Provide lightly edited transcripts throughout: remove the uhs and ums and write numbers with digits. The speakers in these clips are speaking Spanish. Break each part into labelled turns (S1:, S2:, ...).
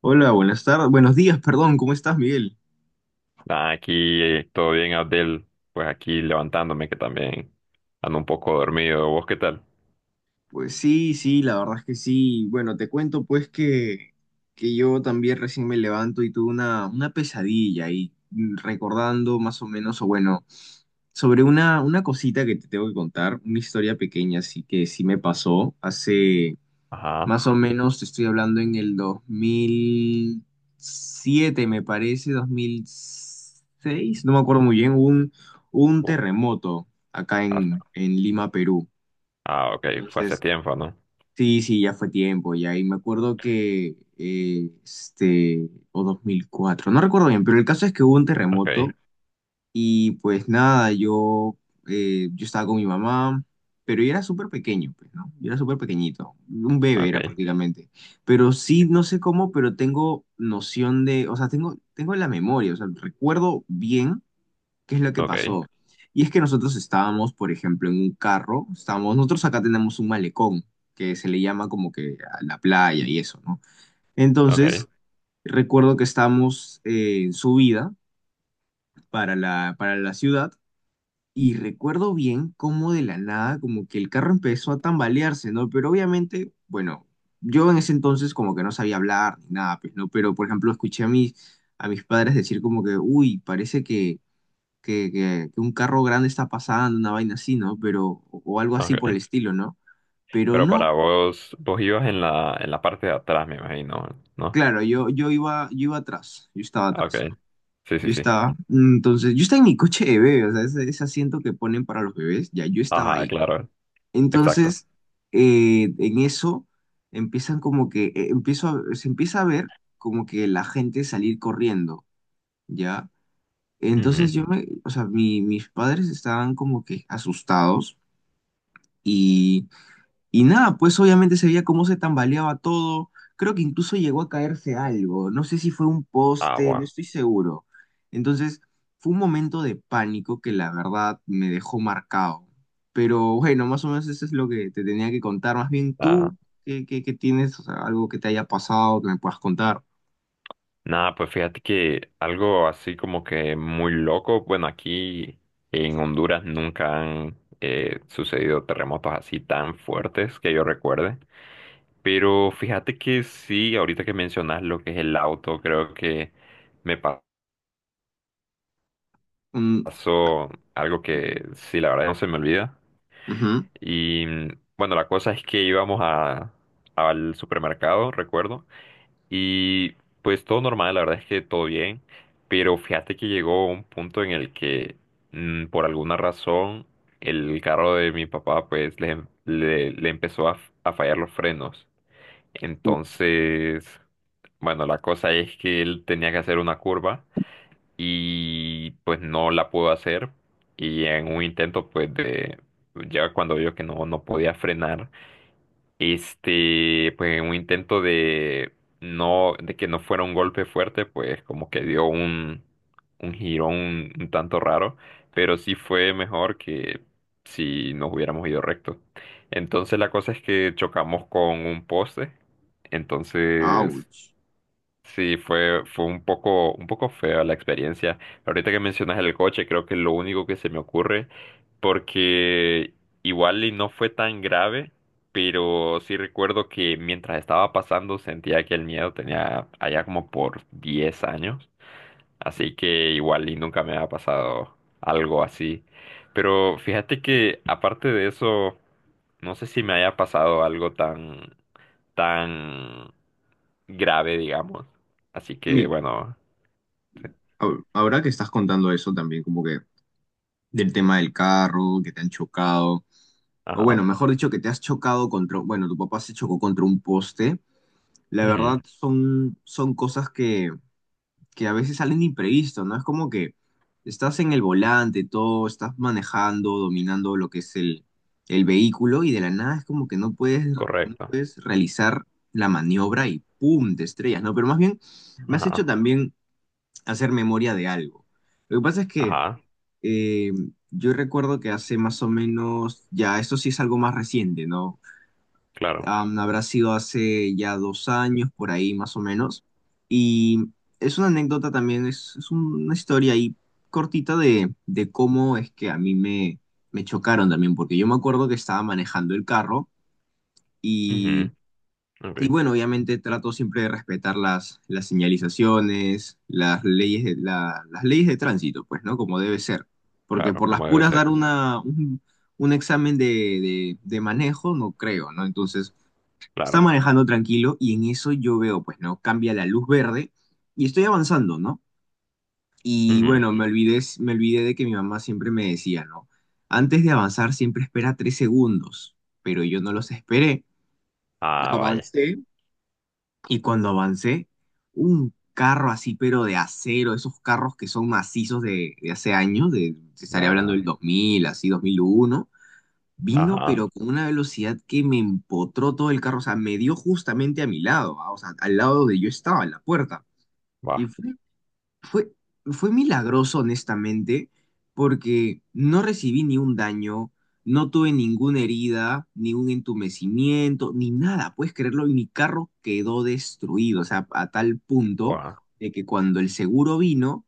S1: Hola, buenas tardes, buenos días, perdón, ¿cómo estás, Miguel?
S2: Nah, aquí todo bien, Abdel. Pues aquí levantándome, que también ando un poco dormido. ¿Vos qué tal?
S1: Pues sí, sí, la verdad es que sí. Bueno, te cuento pues que yo también recién me levanto y tuve una pesadilla y recordando más o menos, o bueno, sobre una cosita que te tengo que contar, una historia pequeña así que sí me pasó hace.
S2: Ajá.
S1: Más o menos te estoy hablando en el 2007 me parece, 2006 no me acuerdo muy bien, hubo un
S2: Uf,
S1: terremoto acá
S2: has-
S1: en Lima, Perú.
S2: ah, ok. Fue hace
S1: Entonces,
S2: tiempo, ¿no?
S1: sí, sí, ya fue tiempo, ya. Y me acuerdo que, este, o 2004 no recuerdo bien, pero el caso es que hubo un
S2: Ok,
S1: terremoto y pues nada, yo estaba con mi mamá, pero yo era súper pequeño, pues, ¿no? Yo era súper pequeñito, un bebé era
S2: ok,
S1: prácticamente. Pero sí, no sé cómo, pero tengo noción de, o sea, tengo la memoria, o sea, recuerdo bien qué es lo que
S2: ok,
S1: pasó. Y es que nosotros estábamos, por ejemplo, en un carro, estábamos, nosotros acá tenemos un malecón, que se le llama como que a la playa y eso, ¿no?
S2: ok,
S1: Entonces, recuerdo que estábamos en subida para la ciudad. Y recuerdo bien cómo de la nada, como que el carro empezó a tambalearse, ¿no? Pero obviamente, bueno, yo en ese entonces como que no sabía hablar ni nada, pues, ¿no? Pero, por ejemplo, escuché a mis padres decir como que, uy, parece que un carro grande está pasando, una vaina así, ¿no? Pero, o algo así por
S2: ok.
S1: el estilo, ¿no? Pero
S2: Pero
S1: no,
S2: para vos, vos ibas en la parte de atrás, me imagino, ¿no?
S1: claro, yo iba atrás, yo estaba
S2: Ah, ok.
S1: atrás.
S2: Sí, sí,
S1: Yo
S2: sí.
S1: estaba, mm, entonces, yo estaba en mi coche de bebé, o sea, ese asiento que ponen para los bebés, ya yo estaba
S2: Ajá,
S1: ahí.
S2: claro. Exacto.
S1: Entonces, en eso empiezan como que, se empieza a ver como que la gente salir corriendo, ¿ya? Entonces
S2: Ujú.
S1: o sea, mis padres estaban como que asustados y y nada, pues obviamente se veía cómo se tambaleaba todo. Creo que incluso llegó a caerse algo. No sé si fue un
S2: Ah,
S1: poste, no
S2: bueno.
S1: estoy seguro. Entonces, fue un momento de pánico que la verdad me dejó marcado. Pero bueno, más o menos eso es lo que te tenía que contar. Más bien
S2: Ah.
S1: tú, ¿qué tienes? O sea, algo que te haya pasado que me puedas contar.
S2: Nada, pues fíjate que algo así como que muy loco, bueno, aquí en Honduras nunca han sucedido terremotos así tan fuertes que yo recuerde, pero fíjate que sí, ahorita que mencionas lo que es el auto, creo que me pa-
S1: Mm,
S2: pasó algo que sí, la verdad no se me olvida.
S1: ujú.
S2: Y bueno, la cosa es que íbamos a, al supermercado, recuerdo, y pues todo normal, la verdad es que todo bien, pero fíjate que llegó un punto en el que por alguna razón el carro de mi papá pues le empezó a fallar los frenos.
S1: Uh,
S2: Entonces, bueno, la cosa es que él tenía que hacer una curva y pues no la pudo hacer y en un intento pues de, ya cuando vio que no, no podía frenar este, pues en un intento de no, de que no fuera un golpe fuerte, pues como que dio un girón un tanto raro, pero sí fue mejor que si nos hubiéramos ido recto. Entonces la cosa es que chocamos con un poste, entonces
S1: ouch.
S2: sí, fue, fue un poco fea la experiencia. Ahorita que mencionas el coche, creo que es lo único que se me ocurre, porque igual y no fue tan grave, pero sí recuerdo que mientras estaba pasando sentía que el miedo tenía allá como por 10 años. Así que igual y nunca me ha pasado algo así. Pero fíjate que aparte de eso, no sé si me haya pasado algo tan, tan grave, digamos. Así que
S1: Mi-
S2: bueno, sí.
S1: ahora que estás contando eso también, como que del tema del carro, que te han chocado. O bueno,
S2: Ajá.
S1: mejor dicho, que te has chocado contra, bueno, tu papá se chocó contra un poste. La
S2: Ujú.
S1: verdad son cosas que a veces salen imprevisto, ¿no? Es como que estás en el volante, todo, estás manejando, dominando lo que es el vehículo y de la nada es como que no puedes, no
S2: Correcto.
S1: puedes realizar la maniobra y ¡pum! Te estrellas, ¿no? Pero más bien me has hecho
S2: Ajá.
S1: también hacer memoria de algo. Lo que pasa es que
S2: Ajá.
S1: eh, yo recuerdo que hace más o menos, ya esto sí es algo más reciente, ¿no?
S2: Claro.
S1: Habrá sido hace ya 2 años, por ahí más o menos. Y es una anécdota también, es una historia ahí cortita de cómo es que a mí me chocaron también, porque yo me acuerdo que estaba manejando el carro y,
S2: Ujú. Ok.
S1: y bueno, obviamente trato siempre de respetar las señalizaciones, las leyes de tránsito, pues, ¿no? Como debe ser. Porque
S2: Claro,
S1: por las
S2: como debe
S1: puras dar
S2: ser.
S1: un examen de manejo, no creo, ¿no? Entonces está
S2: Claro.
S1: manejando tranquilo y en eso yo veo, pues no, cambia la luz verde y estoy avanzando, ¿no? Y
S2: Ujú.
S1: bueno, me olvidé de que mi mamá siempre me decía, ¿no? Antes de avanzar siempre espera 3 segundos, pero yo no los esperé.
S2: Ah, vaya.
S1: Avancé. Y cuando avancé, un carro así, pero de acero, esos carros que son macizos de hace años, se estaría hablando
S2: Ah,
S1: del 2000, así, 2001. Vino,
S2: ajá.
S1: pero con una velocidad que me empotró todo el carro. O sea, me dio justamente a mi lado, ah, o sea, al lado de yo estaba, en la puerta.
S2: Va.
S1: Y fue, fue milagroso, honestamente, porque no recibí ni un daño, no tuve ninguna herida, ni un entumecimiento, ni nada, puedes creerlo, y mi carro quedó destruido, o sea, a tal punto
S2: Va,
S1: de que cuando el seguro vino,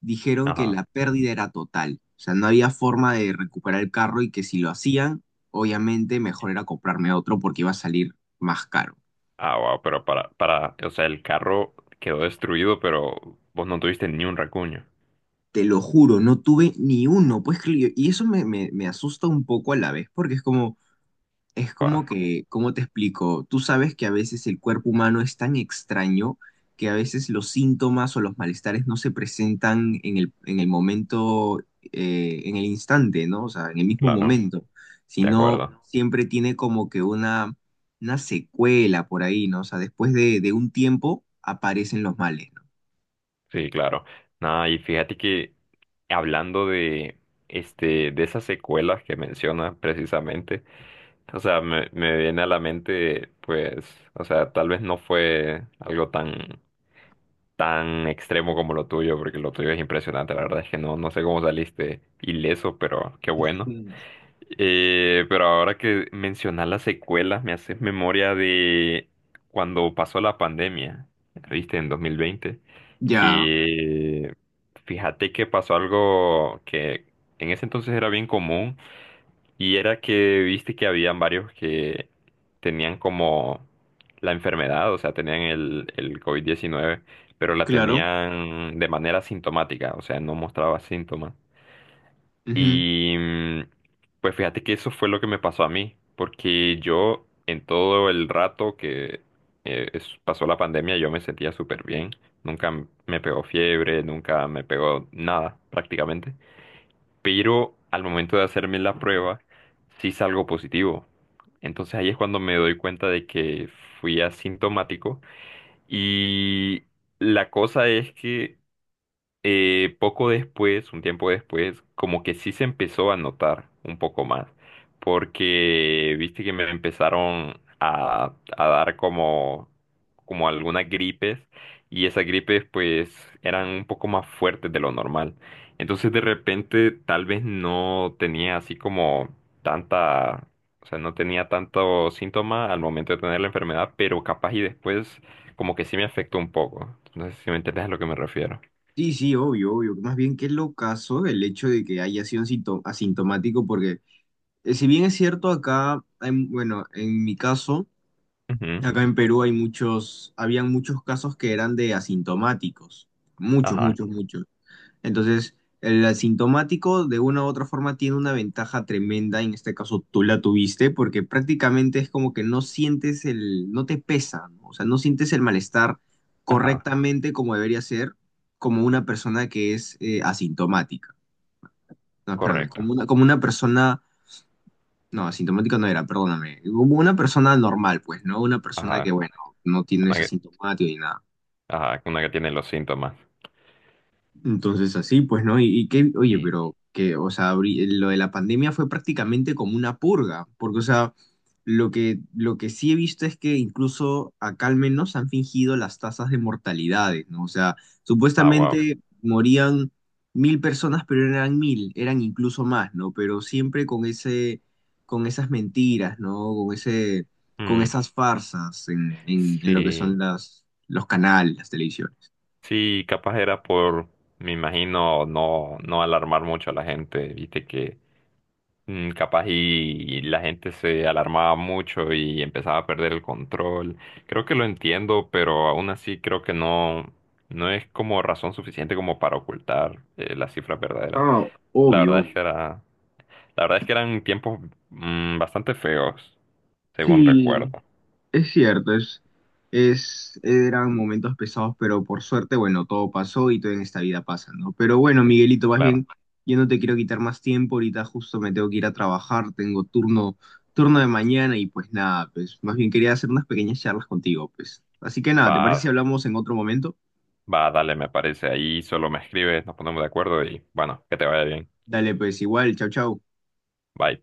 S1: dijeron que
S2: ajá.
S1: la pérdida era total, o sea, no había forma de recuperar el carro y que si lo hacían, obviamente mejor era comprarme otro porque iba a salir más caro.
S2: Ah, wow, pero para, o sea, el carro quedó destruido, pero vos no tuviste ni un racuño.
S1: Te lo juro, no tuve ni uno. Pues, y eso me asusta un poco a la vez, porque es como, es
S2: Ah,
S1: como que, ¿cómo te explico? Tú sabes que a veces el cuerpo humano es tan extraño que a veces los síntomas o los malestares no se presentan en el momento, en el instante, ¿no? O sea, en el mismo
S2: claro,
S1: momento,
S2: de
S1: sino
S2: acuerdo.
S1: siempre tiene como que una secuela por ahí, ¿no? O sea, después de un tiempo aparecen los males, ¿no?
S2: Sí, claro. Nada, y fíjate que hablando de, este, de esas secuelas que mencionas precisamente, o sea, me viene a la mente, pues, o sea, tal vez no fue algo tan, tan extremo como lo tuyo, porque lo tuyo es impresionante, la verdad es que no, no sé cómo saliste ileso, pero qué bueno.
S1: Mm.
S2: Pero ahora que mencionas las secuelas, me haces memoria de cuando pasó la pandemia, viste, en 2020,
S1: Ya,
S2: que fíjate que pasó algo que en ese entonces era bien común y era que viste que habían varios que tenían como la enfermedad, o sea, tenían el COVID-19, pero la
S1: claro.
S2: tenían de manera sintomática, o sea, no mostraba síntomas.
S1: Ujú.
S2: Y pues fíjate que eso fue lo que me pasó a mí, porque yo en todo el rato que pasó la pandemia yo me sentía súper bien, nunca m- me pegó fiebre, nunca me pegó nada prácticamente, pero al momento de hacerme la prueba sí salgo positivo. Entonces ahí es cuando me doy cuenta de que fui asintomático y la cosa es que poco después, un tiempo después, como que sí se empezó a notar un poco más, porque viste que me empezaron a dar como, como algunas gripes y esas gripes pues eran un poco más fuertes de lo normal. Entonces de repente tal vez no tenía así como tanta, o sea, no tenía tanto síntoma al momento de tener la enfermedad, pero capaz y después como que sí me afectó un poco. No sé si me entiendes a lo que me refiero.
S1: Sí, sí, obvio, obvio. Más bien que lo caso el hecho de que haya sido asintomático, porque si bien es cierto, acá, hay, bueno, en mi caso,
S2: Ujú.
S1: acá en Perú hay muchos, habían muchos casos que eran de asintomáticos. Muchos,
S2: Ajá,
S1: muchos, muchos. Entonces, el asintomático de una u otra forma tiene una ventaja tremenda, en este caso tú la tuviste, porque prácticamente es como que no sientes no te pesa, ¿no? O sea, no sientes el malestar
S2: ajá,
S1: correctamente como debería ser, como una persona que es asintomática. No, espérame, como
S2: correcto.
S1: una, como una persona, no, asintomática no era, perdóname, como una persona normal, pues, ¿no? Una persona
S2: Ajá,
S1: que, bueno, no tiene ese
S2: una que,
S1: asintomático ni nada.
S2: ajá, una que tiene los síntomas.
S1: Entonces así, pues, ¿no? Y qué, oye,
S2: Sí.
S1: pero que, o sea, lo de la pandemia fue prácticamente como una purga, porque, o sea, lo que sí he visto es que incluso acá al menos han fingido las tasas de mortalidades, ¿no? O sea,
S2: Ah, wow.
S1: supuestamente morían 1.000 personas, pero no eran 1.000, eran incluso más, ¿no? Pero siempre con ese, con esas mentiras, ¿no? Con ese, con
S2: Mm,
S1: esas farsas en, en lo que son
S2: sí,
S1: los canales, las televisiones.
S2: sí, capaz era por, me imagino, no, no alarmar mucho a la gente, viste que capaz y la gente se alarmaba mucho y empezaba a perder el control. Creo que lo entiendo, pero aún así creo que no, no es como razón suficiente como para ocultar las cifras verdaderas.
S1: Ah,
S2: La verdad
S1: obvio.
S2: es que era la verdad es que eran tiempos bastante feos, según
S1: Sí,
S2: recuerdo.
S1: es cierto, eran momentos pesados, pero por suerte, bueno, todo pasó y todo en esta vida pasa, ¿no? Pero bueno,
S2: Sí,
S1: Miguelito, más
S2: claro.
S1: bien, yo no te quiero quitar más tiempo, ahorita justo me tengo que ir a trabajar, tengo turno de mañana y pues nada, pues más bien quería hacer unas pequeñas charlas contigo, pues. Así que nada, ¿te parece si
S2: Va,
S1: hablamos en otro momento?
S2: va, dale, me parece. Ahí solo me escribes, nos ponemos de acuerdo y bueno, que te vaya bien.
S1: Dale, pues igual, chau, chau.
S2: Bye.